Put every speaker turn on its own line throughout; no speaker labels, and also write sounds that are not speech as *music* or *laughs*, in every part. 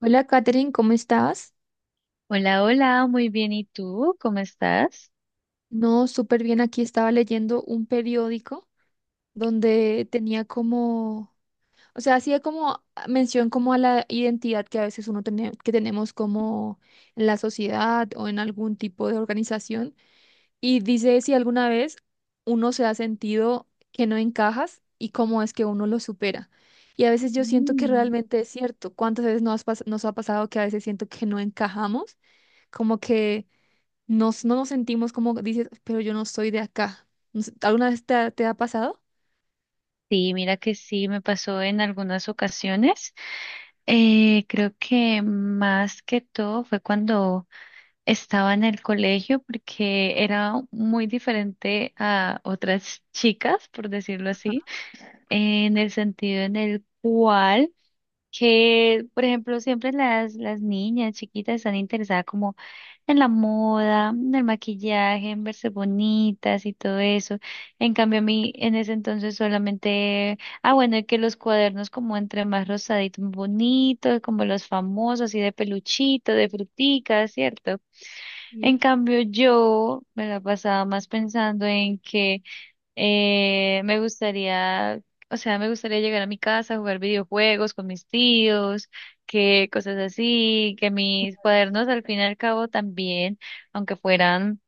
Hola, Katherine, ¿cómo estás?
Hola, hola, muy bien. ¿Y tú? ¿Cómo estás?
No, súper bien. Aquí estaba leyendo un periódico donde tenía hacía como mención como a la identidad que a veces uno tiene, que tenemos como en la sociedad o en algún tipo de organización. Y dice si alguna vez uno se ha sentido que no encajas y cómo es que uno lo supera. Y a veces yo siento que
Mm.
realmente es cierto. ¿Cuántas veces nos ha pasado que a veces siento que no encajamos? Como que no nos sentimos como dices, pero yo no soy de acá. No sé, ¿alguna vez te ha pasado?
Sí, mira que sí, me pasó en algunas ocasiones. Creo que más que todo fue cuando estaba en el colegio porque era muy diferente a otras chicas, por decirlo así, en el sentido en el cual que, por ejemplo, siempre las niñas chiquitas están interesadas como en la moda, en el maquillaje, en verse bonitas y todo eso. En cambio, a mí en ese entonces solamente, ah, bueno, y que los cuadernos, como entre más rosaditos, bonitos, como los famosos, así de peluchito, de fruticas, ¿cierto? En
Sí.
cambio, yo me la pasaba más pensando en que me gustaría, o sea, me gustaría llegar a mi casa, jugar videojuegos con mis tíos, que cosas así, que mis cuadernos al fin y al cabo también, aunque fueran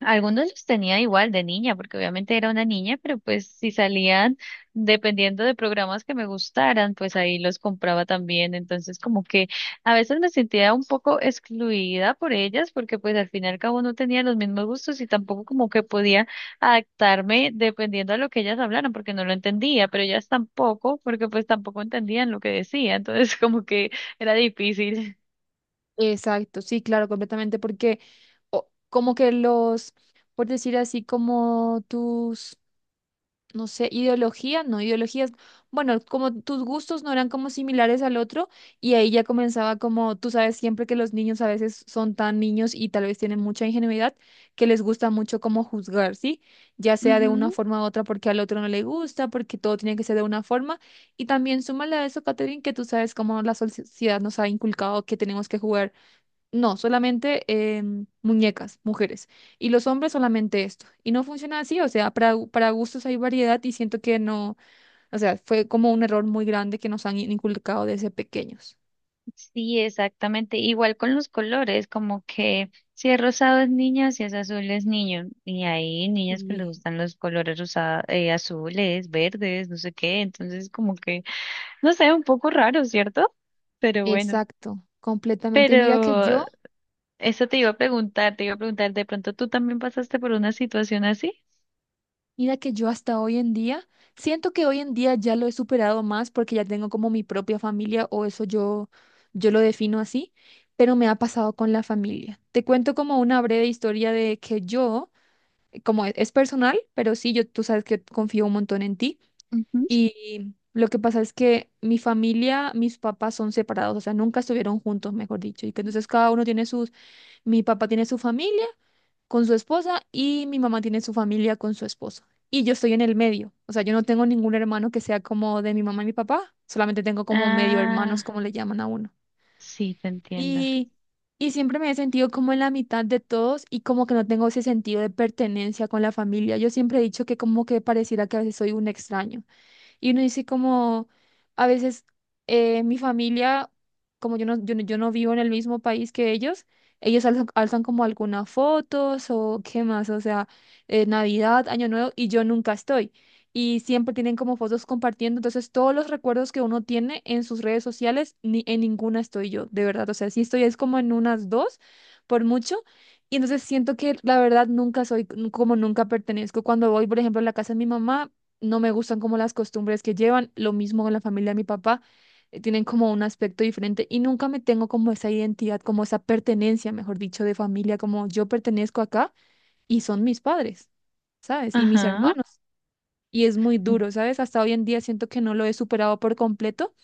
algunos, los tenía igual de niña, porque obviamente era una niña, pero pues si salían, dependiendo de programas que me gustaran, pues ahí los compraba también. Entonces como que a veces me sentía un poco excluida por ellas, porque pues al fin y al cabo no tenía los mismos gustos y tampoco como que podía adaptarme dependiendo a lo que ellas hablaran, porque no lo entendía, pero ellas tampoco, porque pues tampoco entendían lo que decía. Entonces *laughs* como que era difícil.
Exacto, sí, claro, completamente, porque como que por decir así, como tus no sé, ideología, no, ideologías, bueno, como tus gustos no eran como similares al otro y ahí ya comenzaba como, tú sabes siempre que los niños a veces son tan niños y tal vez tienen mucha ingenuidad que les gusta mucho como juzgar, ¿sí? Ya sea de una forma u otra porque al otro no le gusta, porque todo tiene que ser de una forma y también súmale a eso, Catherine, que tú sabes cómo la sociedad nos ha inculcado que tenemos que jugar no, solamente muñecas, mujeres. Y los hombres solamente esto. Y no funciona así, o sea, para gustos hay variedad y siento que no, o sea, fue como un error muy grande que nos han inculcado desde pequeños.
Sí, exactamente. Igual con los colores, como que si es rosado es niña, si es azul es niño. Y hay niñas que les
Sí.
gustan los colores azules, verdes, no sé qué. Entonces, como que, no sé, un poco raro, ¿cierto? Pero bueno.
Exacto, completamente.
Pero eso te iba a preguntar, te iba a preguntar, ¿de pronto tú también pasaste por una situación así?
Mira que yo hasta hoy en día, siento que hoy en día ya lo he superado más porque ya tengo como mi propia familia o yo lo defino así, pero me ha pasado con la familia. Te cuento como una breve historia de que yo como es personal, pero sí, yo, tú sabes que confío un montón en ti.
Ujú.
Y lo que pasa es que mi familia, mis papás son separados, o sea, nunca estuvieron juntos, mejor dicho. Y que entonces cada uno tiene sus, mi papá tiene su familia con su esposa y mi mamá tiene su familia con su esposo. Y yo estoy en el medio, o sea, yo no tengo ningún hermano que sea como de mi mamá y mi papá, solamente tengo como medio hermanos,
Ah,
como le llaman a uno.
sí, te entiendo.
Y, y siempre me he sentido como en la mitad de todos y como que no tengo ese sentido de pertenencia con la familia. Yo siempre he dicho que como que pareciera que a veces soy un extraño. Y uno dice como, a veces mi familia, como yo no vivo en el mismo país que ellos alzan como algunas fotos o qué más, o sea, Navidad, Año Nuevo, y yo nunca estoy. Y siempre tienen como fotos compartiendo, entonces todos los recuerdos que uno tiene en sus redes sociales, ni en ninguna estoy yo, de verdad. O sea, sí estoy es como en unas dos, por mucho. Y entonces siento que la verdad nunca soy, como nunca pertenezco. Cuando voy, por ejemplo, a la casa de mi mamá, no me gustan como las costumbres que llevan, lo mismo con la familia de mi papá, tienen como un aspecto diferente y nunca me tengo como esa identidad, como esa pertenencia, mejor dicho, de familia, como yo pertenezco acá y son mis padres, ¿sabes? Y mis
Ajá.
hermanos. Y es muy duro, ¿sabes? Hasta hoy en día siento que no lo he superado por completo,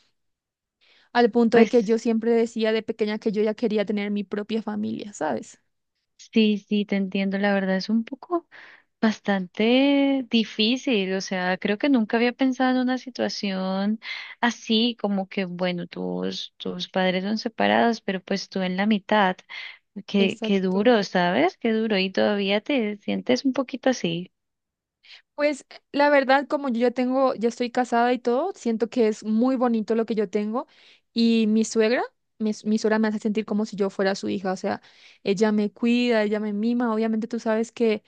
al punto de que yo
Pues.
siempre decía de pequeña que yo ya quería tener mi propia familia, ¿sabes?
Sí, sí, te entiendo. La verdad es un poco bastante difícil. O sea, creo que nunca había pensado en una situación así, como que, bueno, tus padres son separados, pero pues tú en la mitad. Qué, qué
Exacto.
duro, ¿sabes? Qué duro. Y todavía te sientes un poquito así.
Pues la verdad, como yo ya tengo, ya estoy casada y todo, siento que es muy bonito lo que yo tengo. Y mi suegra, mi suegra me hace sentir como si yo fuera su hija, o sea, ella me cuida, ella me mima. Obviamente tú sabes que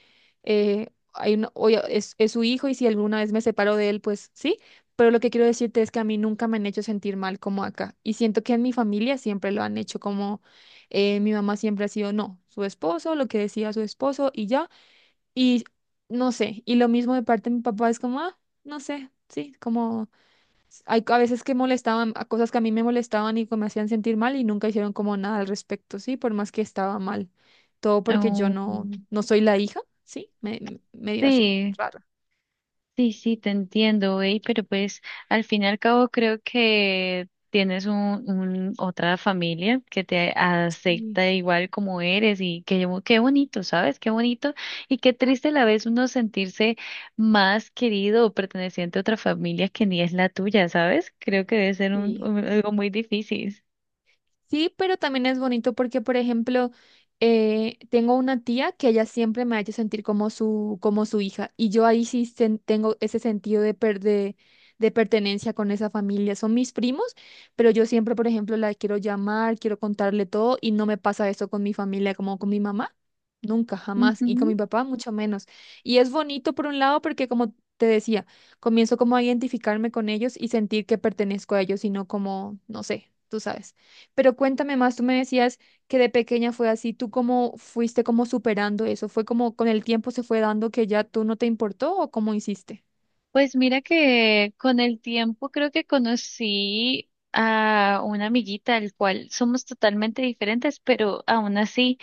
hay una- oye, es su hijo y si alguna vez me separo de él, pues sí. Pero lo que quiero decirte es que a mí nunca me han hecho sentir mal como acá. Y siento que en mi familia siempre lo han hecho como mi mamá siempre ha sido, no, su esposo, lo que decía su esposo y ya. Y no sé, y lo mismo de parte de mi papá es como, ah, no sé, sí, como hay a veces que molestaban a cosas que a mí me molestaban y que me hacían sentir mal y nunca hicieron como nada al respecto, sí, por más que estaba mal. Todo porque yo
Oh,
no, no soy la hija, sí, me dio así,
sí.
raro.
Sí, sí, te entiendo, güey, pero pues al fin y al cabo creo que tienes un, otra familia que te
Sí,
acepta igual como eres y qué bonito, ¿sabes? Qué bonito y qué triste a la vez uno sentirse más querido o perteneciente a otra familia que ni es la tuya, ¿sabes? Creo que debe ser un,
sí.
algo muy difícil.
Sí, pero también es bonito porque, por ejemplo, tengo una tía que ella siempre me ha hecho sentir como como su hija y yo ahí tengo ese sentido de pertenencia con esa familia. Son mis primos, pero yo siempre, por ejemplo, la quiero llamar, quiero contarle todo y no me pasa eso con mi familia como con mi mamá. Nunca, jamás. Y con mi
Ujú.
papá, mucho menos. Y es bonito por un lado porque, como te decía, comienzo como a identificarme con ellos y sentir que pertenezco a ellos y no como, no sé, tú sabes. Pero cuéntame más, tú me decías que de pequeña fue así, ¿tú cómo fuiste como superando eso? ¿Fue como con el tiempo se fue dando que ya tú no te importó o cómo hiciste?
Pues mira que con el tiempo creo que conocí a una amiguita, al cual somos totalmente diferentes, pero aún así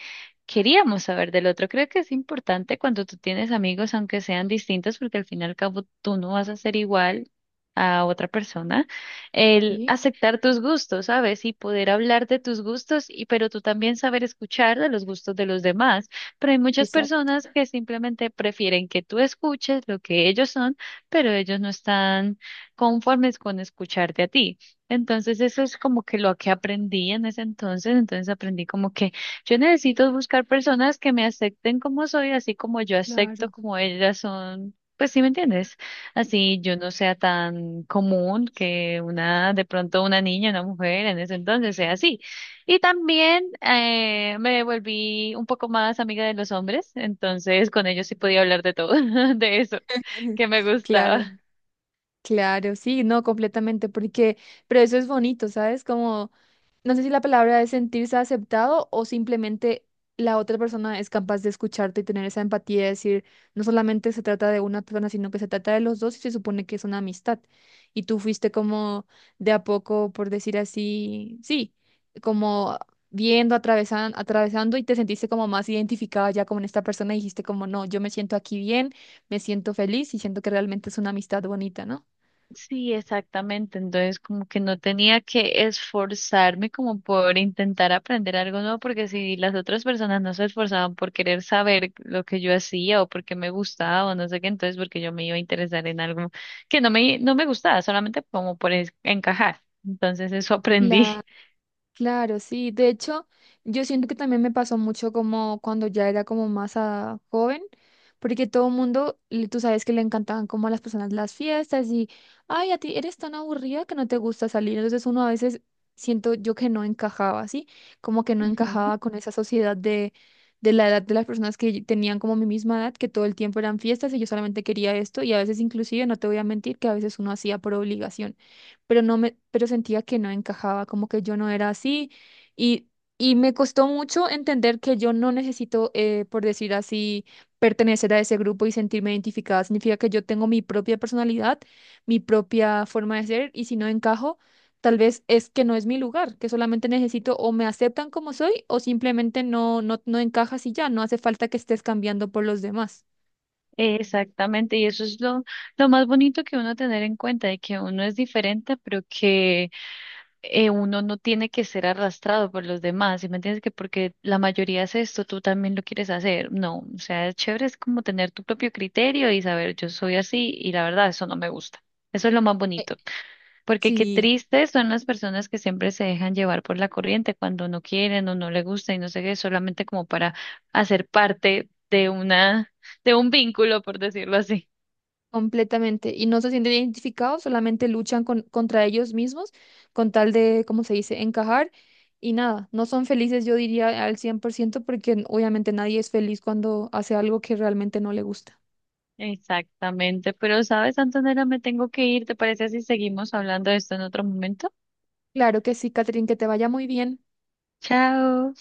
queríamos saber del otro. Creo que es importante cuando tú tienes amigos, aunque sean distintos, porque al fin y al cabo tú no vas a ser igual a otra persona, el
Sí,
aceptar tus gustos, ¿sabes? Y poder hablar de tus gustos, y pero tú también saber escuchar de los gustos de los demás. Pero hay muchas
exacto.
personas que simplemente prefieren que tú escuches lo que ellos son, pero ellos no están conformes con escucharte a ti. Entonces eso es como que lo que aprendí en ese entonces, entonces aprendí como que yo necesito buscar personas que me acepten como soy, así como yo acepto
Claro,
como ellas son. Pues sí, ¿me entiendes? Así yo no sea tan común que una, de pronto una niña, una mujer en ese entonces sea así. Y también me volví un poco más amiga de los hombres, entonces con ellos sí podía hablar de todo, *laughs* de eso
*laughs*
que me
claro.
gustaba.
Claro, sí, no, completamente, porque, pero eso es bonito, ¿sabes? Como, no sé si la palabra es sentirse aceptado o simplemente la otra persona es capaz de escucharte y tener esa empatía de decir, no solamente se trata de una persona, sino que se trata de los dos y se supone que es una amistad. Y tú fuiste como de a poco, por decir así, sí, como viendo, atravesando y te sentiste como más identificada ya con esta persona y dijiste como, no, yo me siento aquí bien, me siento feliz y siento que realmente es una amistad bonita, ¿no?
Sí, exactamente. Entonces, como que no tenía que esforzarme como por intentar aprender algo nuevo, porque si las otras personas no se esforzaban por querer saber lo que yo hacía o porque me gustaba o no sé qué, entonces porque yo me iba a interesar en algo que no me gustaba, solamente como encajar. Entonces, eso aprendí.
La,
*laughs*
claro, sí. De hecho, yo siento que también me pasó mucho como cuando ya era como más joven, porque todo el mundo, tú sabes que le encantaban como a las personas las fiestas y, ay, a ti eres tan aburrida que no te gusta salir. Entonces uno a veces siento yo que no encajaba, ¿sí? Como que no
Ujú.
encajaba con esa sociedad de la edad de las personas que tenían como mi misma edad, que todo el tiempo eran fiestas y yo solamente quería esto y a veces inclusive, no te voy a mentir, que a veces uno hacía por obligación pero no me, pero sentía que no encajaba, como que yo no era así y, y me costó mucho entender que yo no necesito, por decir así, pertenecer a ese grupo y sentirme identificada. Significa que yo tengo mi propia personalidad, mi propia forma de ser y si no encajo, tal vez es que no es mi lugar, que solamente necesito o me aceptan como soy o simplemente no encajas y ya, no hace falta que estés cambiando por los demás.
Exactamente, y eso es lo más bonito que uno tener en cuenta, de que uno es diferente, pero que uno no tiene que ser arrastrado por los demás, ¿sí me entiendes? Que porque la mayoría hace esto, tú también lo quieres hacer. No, o sea, es chévere, es como tener tu propio criterio y saber, yo soy así y la verdad, eso no me gusta. Eso es lo más
Eh,
bonito, porque qué
Sí.
tristes son las personas que siempre se dejan llevar por la corriente cuando no quieren o no les gusta y no sé qué, solamente como para hacer parte de una, de un vínculo, por decirlo así.
Completamente. Y no se sienten identificados, solamente luchan contra ellos mismos con tal de, ¿cómo se dice?, encajar. Y nada, no son felices, yo diría, al 100% porque obviamente nadie es feliz cuando hace algo que realmente no le gusta.
Exactamente, pero sabes, Antonella, me tengo que ir, ¿te parece si seguimos hablando de esto en otro momento?
Claro que sí, Catherine, que te vaya muy bien.
Chao.